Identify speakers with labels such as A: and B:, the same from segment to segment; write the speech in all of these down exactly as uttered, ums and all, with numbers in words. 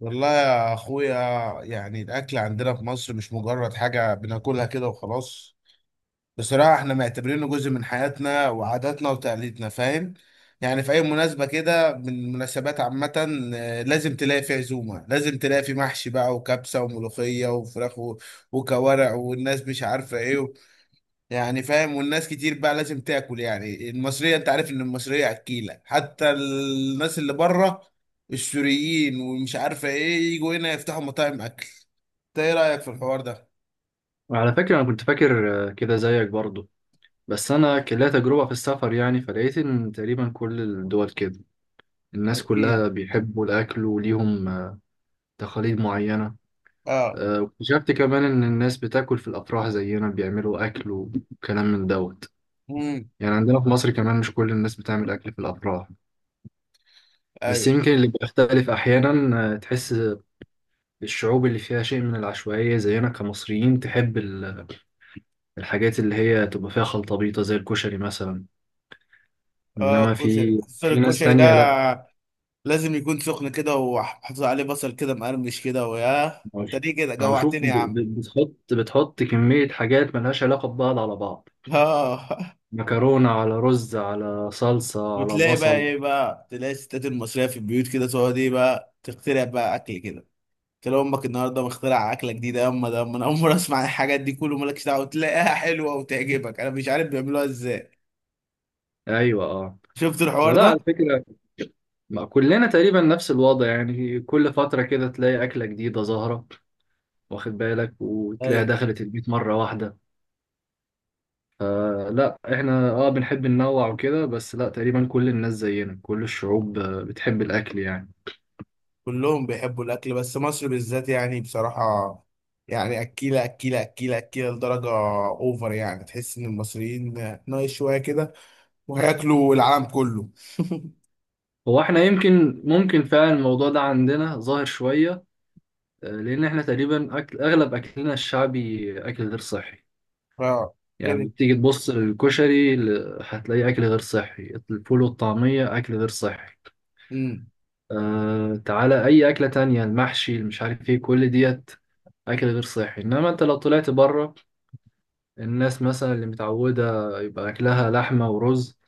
A: والله يا اخويا، يعني الاكل عندنا في مصر مش مجرد حاجه بناكلها كده وخلاص. بصراحه احنا معتبرينه جزء من حياتنا وعاداتنا وتقاليدنا، فاهم؟ يعني في اي مناسبه كده من المناسبات عامه، آه، لازم تلاقي في عزومه، لازم تلاقي في محشي بقى وكبسه وملوخيه وفراخ و- وكوارع والناس مش عارفه ايه. يعني فاهم، والناس كتير بقى لازم تاكل، يعني المصرية انت عارف ان المصرية اكيلة، حتى الناس اللي بره، السوريين ومش عارفة ايه يجوا هنا يفتحوا مطاعم اكل. انت ايه رأيك في الحوار ده؟
B: وعلى فكرة، أنا كنت فاكر آه، كده زيك برضو. بس أنا كان ليا تجربة في السفر يعني فلقيت إن تقريبا كل الدول كده الناس
A: اكيل.
B: كلها بيحبوا الأكل وليهم آه، تقاليد معينة.
A: اه.
B: آه، واكتشفت كمان إن الناس بتاكل في الأفراح زينا بيعملوا أكل وكلام من دوت.
A: امم.
B: يعني عندنا في مصر كمان مش كل الناس بتعمل أكل في الأفراح، بس
A: ايوه.
B: يمكن اللي بيختلف أحيانا. آه، تحس الشعوب اللي فيها شيء من العشوائية زينا كمصريين تحب ال- الحاجات اللي هي تبقى فيها خلطة بيضة زي الكشري مثلا.
A: اه
B: انما
A: الكشري،
B: في
A: خصوصا
B: في ناس
A: الكشري ده
B: تانية لا.
A: لازم يكون سخن كده وحافظ عليه بصل كده مقرمش كده ويا.
B: أو ش-
A: انت دي كده
B: أو شوف
A: جوعتني
B: ب-
A: يا عم.
B: ب- بتحط بتحط كمية حاجات ملهاش علاقة ببعض على بعض.
A: اه
B: مكرونة على رز على صلصة على
A: وتلاقي بقى
B: بصل.
A: ايه بقى، تلاقي الستات المصرية في البيوت كده تقعد ايه بقى، تخترع بقى اكل كده. قلت له امك النهارده مخترع اكله جديده يا اما ده، أما انا اول مره اسمع عن الحاجات دي، كله مالكش دعوه، تلاقيها حلوه وتعجبك، انا مش عارف بيعملوها ازاي.
B: ايوه، اه.
A: شفت الحوار
B: فلا
A: ده؟
B: على فكرة، ما كلنا تقريبا نفس الوضع يعني كل فترة كده تلاقي أكلة جديدة ظاهرة، واخد بالك، وتلاقيها
A: ايوه.
B: دخلت البيت مرة واحدة. فلا احنا اه بنحب ننوع وكده، بس لا، تقريبا كل الناس زينا كل الشعوب آه، بتحب الأكل يعني.
A: كلهم بيحبوا الاكل، بس مصر بالذات يعني بصراحه، يعني اكيله اكيله اكيله اكيله لدرجه اوفر، يعني تحس ان المصريين ناقص شويه كده وهياكلوا العالم كله.
B: هو احنا يمكن ممكن فعلا الموضوع ده عندنا ظاهر شوية، آه، لأن احنا تقريبا أكل أغلب أكلنا الشعبي أكل غير صحي.
A: اه. غير.
B: يعني تيجي تبص الكشري ل- هتلاقيه أكل غير صحي. الفول والطعمية أكل غير صحي.
A: امم.
B: أه تعالى أي أكلة تانية، المحشي اللي مش عارف إيه، كل ديت أكل غير صحي. إنما أنت لو طلعت بره، الناس مثلا اللي متعودة يبقى أكلها لحمة ورز،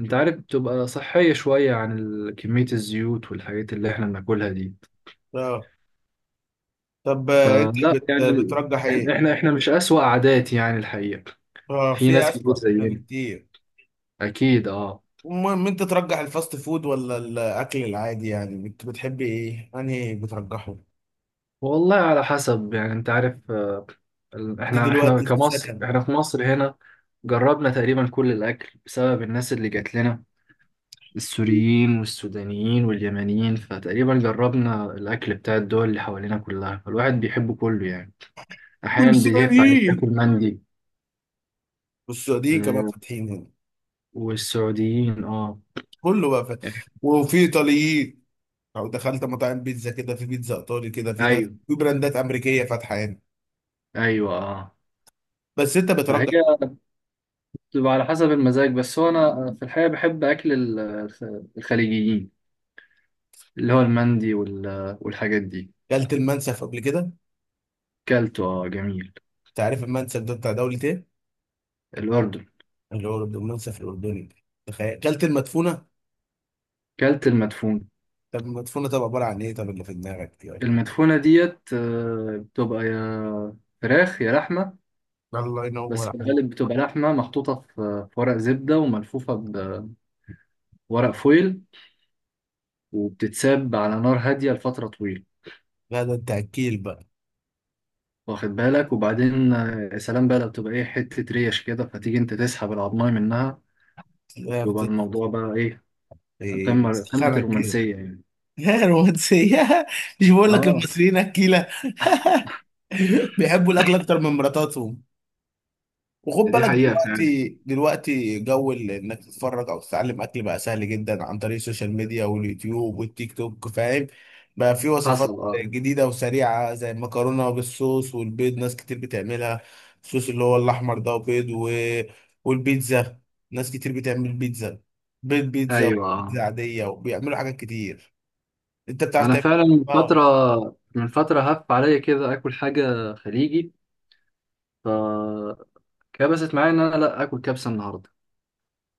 B: أنت عارف بتبقى صحية شوية عن ال- كمية الزيوت والحاجات اللي احنا بناكلها دي.
A: اه طب، آه، انت
B: فلا
A: بت...
B: يعني ال-
A: بترجح
B: يعني
A: ايه؟
B: احنا احنا مش أسوأ عادات يعني الحقيقة،
A: اه
B: في
A: في
B: ناس كتير
A: اسوأ من كده
B: زينا،
A: كتير.
B: اكيد اه.
A: المهم انت ترجح الفاست فود ولا الاكل العادي؟ يعني بت- بتحب ايه، انهي بترجحه؟
B: والله على حسب، يعني انت عارف آه، ال-
A: انت
B: احنا احنا
A: دلوقتي في
B: كمصر،
A: سكن؟
B: احنا في مصر هنا جربنا تقريبا كل الاكل بسبب الناس اللي جات لنا، السوريين والسودانيين واليمنيين، فتقريبا جربنا الاكل بتاع الدول اللي حوالينا كلها، فالواحد بيحبه كله يعني. احيانا بيهف عليك
A: والسعوديين،
B: تاكل مندي.
A: والسعوديين كمان
B: آه،
A: فاتحين هنا.
B: والسعوديين، اه.
A: كله بقى فاتح. وفي ايطاليين، لو دخلت مطاعم بيتزا كده في بيتزا ايطالي كده، في ناس
B: ايوه،
A: في براندات امريكيه فاتحه هنا.
B: ايوه، اه.
A: بس انت
B: فهي
A: بترجح؟
B: بتبقى على حسب المزاج، بس هو انا في الحقيقه بحب اكل ال- الخليجيين، اللي هو المندي وال- والحاجات دي.
A: اكلت المنسف قبل كده انت؟
B: كلته، اه، جميل.
A: عارف المنسف ده بتاع دولة ايه؟
B: الاردن.
A: اللي هو المنسف الاردني. تخيل اكلت المدفونه؟
B: كلت المدفون.
A: طب المدفونه طب عباره عن ايه، طب اللي في دماغك يعني.
B: المدفونه ديت آه، بتبقى يا فراخ يا لحمه،
A: الله
B: بس
A: ينور.
B: في الغالب بتبقى لحمه محطوطه في في ورق زبده وملفوفه بورق فويل، وبتتساب على نار هاديه لفتره طويله.
A: لا ده انت اكيل بقى.
B: واخد بالك؟ وبعدين آه، يا سلام بقى، لو بتبقى ايه حته ريش كده، فتيجي انت تسحب العضمايه منها،
A: لا
B: يبقى
A: بت-
B: الموضوع بقى ايه،
A: إيه،
B: قمة قمة
A: بتتخانق كده.
B: الرومانسية يعني.
A: الرومانسية. مش بقول لك
B: اه.
A: المصريين اكيلة، بيحبوا الاكل اكتر من مراتاتهم. وخد
B: دي
A: بالك
B: حقيقة فعلا.
A: دلوقتي، دلوقتي جو ال- انك تتفرج او تتعلم اكل بقى سهل جدا عن طريق السوشيال ميديا واليوتيوب والتيك توك، فاهم؟ بقى في
B: حصل،
A: وصفات
B: اه.
A: جديده وسريعه زي المكرونه بالصوص والبيض، ناس كتير بتعملها. الصوص اللي هو الاحمر ده وبيض و... والبيتزا، ناس كتير بتعمل بيتزا، بيض بيتزا
B: ايوه، اه.
A: وبيتزا عاديه، وبيعملوا حاجات كتير. انت بتعرف
B: انا
A: تعمل
B: فعلا
A: أكل
B: من
A: بقى
B: فترة
A: ولا؟
B: من فترة هف عليا كده اكل حاجة خليجي، فكبست معايا ان انا لا اكل كبسة النهاردة.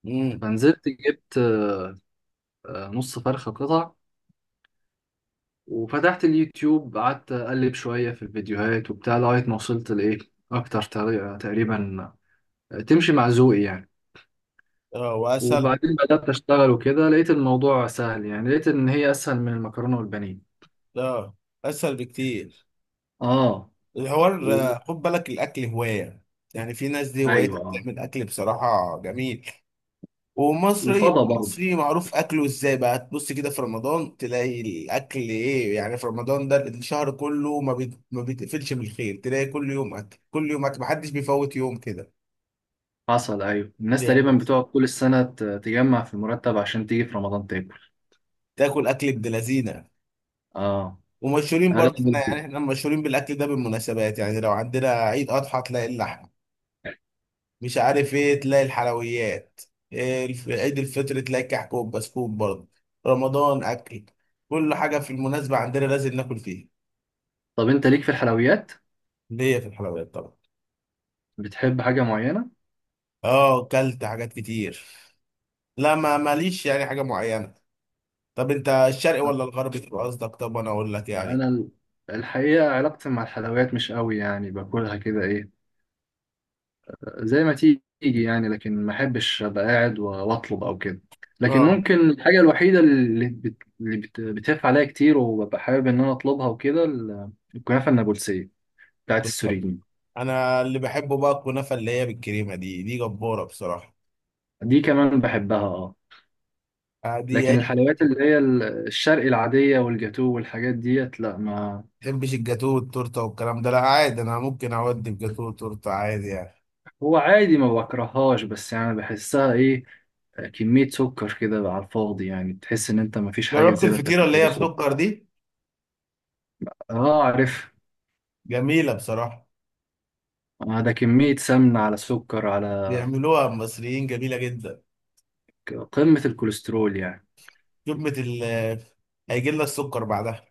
A: امم.
B: فنزلت جبت آه، نص فرخة قطع، وفتحت اليوتيوب، قعدت اقلب شوية في الفيديوهات وبتاع لغاية ما وصلت لايه، اكتر طريقة تقريبا تمشي مع ذوقي يعني.
A: اه واسهل.
B: وبعدين بدأت أشتغل وكده، لقيت الموضوع سهل يعني، لقيت إن هي أسهل من المكرونة والبانيه.
A: اه اسهل بكتير.
B: اه. و...
A: الحوار آه، خد بالك الاكل هوايه، يعني في ناس دي هوايتها
B: ايوه، اه.
A: بتعمل اكل بصراحه جميل. ومصري
B: وفضى برضه.
A: مصري معروف اكله ازاي بقى، تبص كده في رمضان تلاقي الاكل ايه يعني، في رمضان ده الشهر كله ما بيت- ما بيتقفلش من الخير، تلاقي كل يوم اكل كل يوم اكل، محدش بيفوت يوم كده.
B: حصل، ايوه. الناس تقريبا
A: يعني
B: بتقعد كل السنه ت- تجمع في المرتب عشان تيجي في رمضان تاكل.
A: تاكل اكل ابن لذينه.
B: اه.
A: ومشهورين برضه
B: اغلب
A: احنا، يعني
B: ال-
A: احنا مشهورين بالاكل ده بالمناسبات، يعني لو عندنا عيد اضحى تلاقي اللحمه مش عارف ايه، تلاقي الحلويات، إيه الف- عيد الفطر تلاقي كحكة بسكوت برضه، رمضان اكل، كل حاجة في المناسبة عندنا لازم ناكل فيها.
B: طب انت ليك في الحلويات،
A: ليا في الحلويات طبعا.
B: بتحب حاجه معينه؟
A: اه كلت حاجات كتير. لا ما ماليش يعني حاجة معينة. طب انت الشرقي
B: آه،
A: ولا الغربي تبقى قصدك، طب انا اقول لك يعني.
B: انا ال- الحقيقه علاقتي مع الحلويات مش قوي، يعني باكلها كده ايه، زي ما تيجي يعني، لكن ما احبش ابقى قاعد و- واطلب او كده. لكن
A: اه
B: ممكن الحاجه الوحيده اللي بت... اللي بت... بتقف عليا كتير وببقى حابب ان انا اطلبها وكده، ال- الكنافه النابلسيه بتاعت
A: كنت طب.
B: السوريين.
A: انا اللي بحبه بقى الكنافة اللي هي بالكريمة دي، دي جبارة بصراحة.
B: دي كمان بحبها، اه.
A: آه، دي
B: لكن
A: عيش.
B: الحلويات اللي هي ال- الشرقي العادية والجاتو والحاجات ديت، لا ما.
A: ما بحبش الجاتوه والتورته والكلام ده، لا عادي، انا ممكن اودي في جاتوه وتورته عادي يعني.
B: هو عادي ما بكرههاش، بس يعني بحسها ايه، كمية سكر كده على الفاضي، يعني تحس ان انت ما فيش حاجة
A: جربت
B: زيادة
A: الفطيرة اللي
B: بتاكلها
A: هي
B: بالسكر.
A: بسكر دي؟
B: اه، عارف.
A: جميلة بصراحة.
B: آه، ده كمية سمنة على سكر على
A: بيعملوها المصريين جميلة جدا.
B: ك- قمة الكوليسترول يعني.
A: جبنة ال، هيجي لنا السكر بعدها.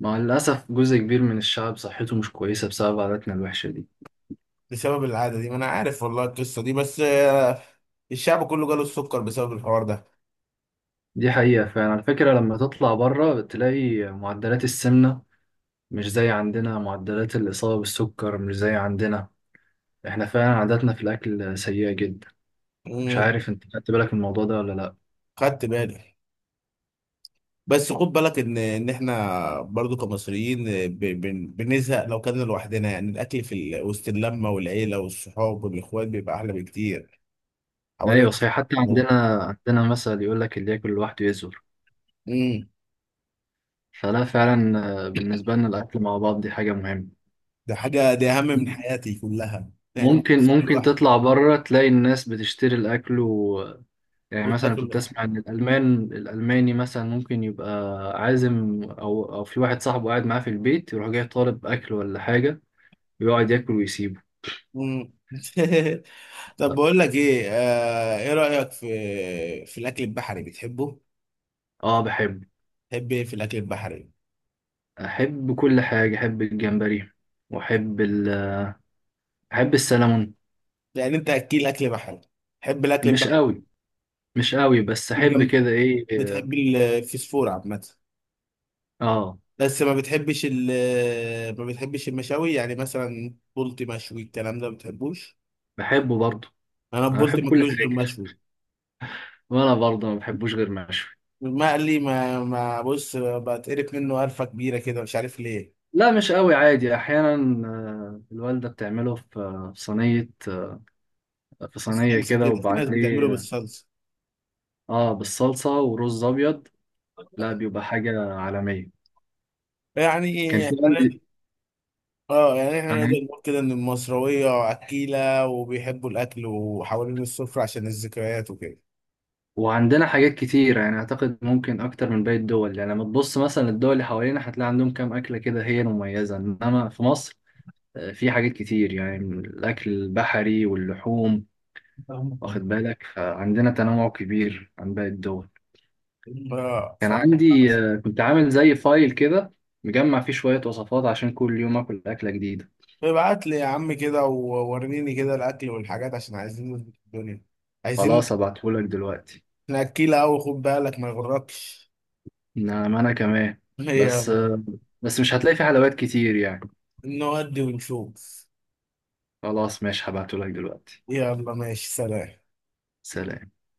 B: مع الأسف جزء كبير من الشعب صحته مش كويسة بسبب عاداتنا الوحشة دي.
A: بسبب العادة دي، ما أنا عارف والله القصة دي، بس آه، الشعب كله جاله السكر بسبب الحوار ده.
B: دي حقيقة فعلا، على فكرة لما تطلع بره بتلاقي معدلات السمنة مش زي عندنا، معدلات الإصابة بالسكر مش زي عندنا. احنا فعلا عاداتنا في الأكل سيئة جدا. مش
A: امم.
B: عارف انت خدت بالك من الموضوع ده ولا لأ.
A: خدت بالي. بس خد بالك ان ان احنا برضو كمصريين، آه، ب- بن- بنزهق لو كنا لوحدنا، يعني الاكل في ال- وسط اللمه والعيله والصحاب والاخوات بيبقى احلى بكتير.
B: أيوة
A: حوالين.
B: صحيح، حتى عندنا عندنا مثل يقول لك اللي ياكل لوحده يزور.
A: امم.
B: فلا، فعلا آه، بالنسبة لنا الأكل مع بعض دي حاجة مهمة.
A: ده حاجة، دي أهم من حياتي كلها، يعني
B: ممكن
A: مش هاكل
B: ممكن
A: لوحدي.
B: تطلع بره تلاقي الناس بتشتري الأكل و... يعني مثلا
A: وتاكل
B: كنت
A: لوحدك.
B: أسمع إن الألمان، الألماني مثلا ممكن يبقى عازم، أو أو في واحد صاحبه قاعد معاه في البيت، يروح جاي طالب أكل ولا حاجة ويقعد ياكل ويسيبه.
A: مم. طب بقول لك إيه، آه إيه رأيك في، في الأكل البحري؟ بتحبه؟
B: اه، بحب.
A: تحب إيه في الأكل البحري؟
B: احب كل حاجة، احب الجمبري، واحب ال... احب السلمون.
A: يعني أنت أكيل أكل بحري. تحب الأكل
B: مش
A: البحري.
B: قوي مش قوي بس احب
A: الجنب.
B: كده ايه.
A: بتحب الفسفور عامة.
B: اه،
A: بس ما بتحبش ال، ما بتحبش المشاوي، يعني مثلا بولتي مشوي الكلام ده ما بتحبوش؟
B: بحبه برضه.
A: أنا
B: انا
A: بولتي
B: بحب كل
A: ماكلوش غير
B: حاجة،
A: مشوي.
B: وانا برضه ما بحبوش غير مشوي.
A: المقلي ما ما بص بتقرف منه قرفة كبيرة كده، مش عارف ليه.
B: لا مش قوي، عادي احيانا. آه، الوالدة بتعمله في آه، في صينية، آه، في صينية
A: بالصلصه
B: كده
A: كده، في ناس بتعمله
B: وبعديه.
A: بالصلصه.
B: اه، بالصلصة ورز ابيض. لا بيبقى حاجة عالمية. كان
A: يعني
B: في
A: احنا،
B: عندي
A: اه يعني احنا
B: انا.
A: نقدر نقول كده ان المصراويه اكيله وبيحبوا الاكل وحوالين السفره عشان الذكريات وكده.
B: وعندنا حاجات كتير، يعني أعتقد ممكن أكتر من باقي الدول، يعني لما تبص مثلا الدول اللي حوالينا هتلاقي عندهم كام أكلة كده هي المميزة، إنما في مصر آه، في حاجات كتير، يعني من الأكل البحري واللحوم، واخد بالك، فعندنا تنوع كبير عن باقي الدول.
A: اه.
B: كان عندي آه، كنت عامل زي فايل كده، مجمع فيه شوية وصفات عشان كل يوم آكل أكلة جديدة.
A: فابعت لي يا عم كده ووريني كده الاكل والحاجات، عشان عايزين نظبط الدنيا. عايزين
B: خلاص أبعتهولك دلوقتي.
A: ناكلها قوي، خد بالك ما يغركش.
B: نعم أنا كمان، بس
A: يلا.
B: آه، بس مش هتلاقي فيه حلويات كتير يعني.
A: نودي ونشوف.
B: خلاص ماشي، هبعتهولك دلوقتي.
A: يلا ماشي، سلام.
B: سلام.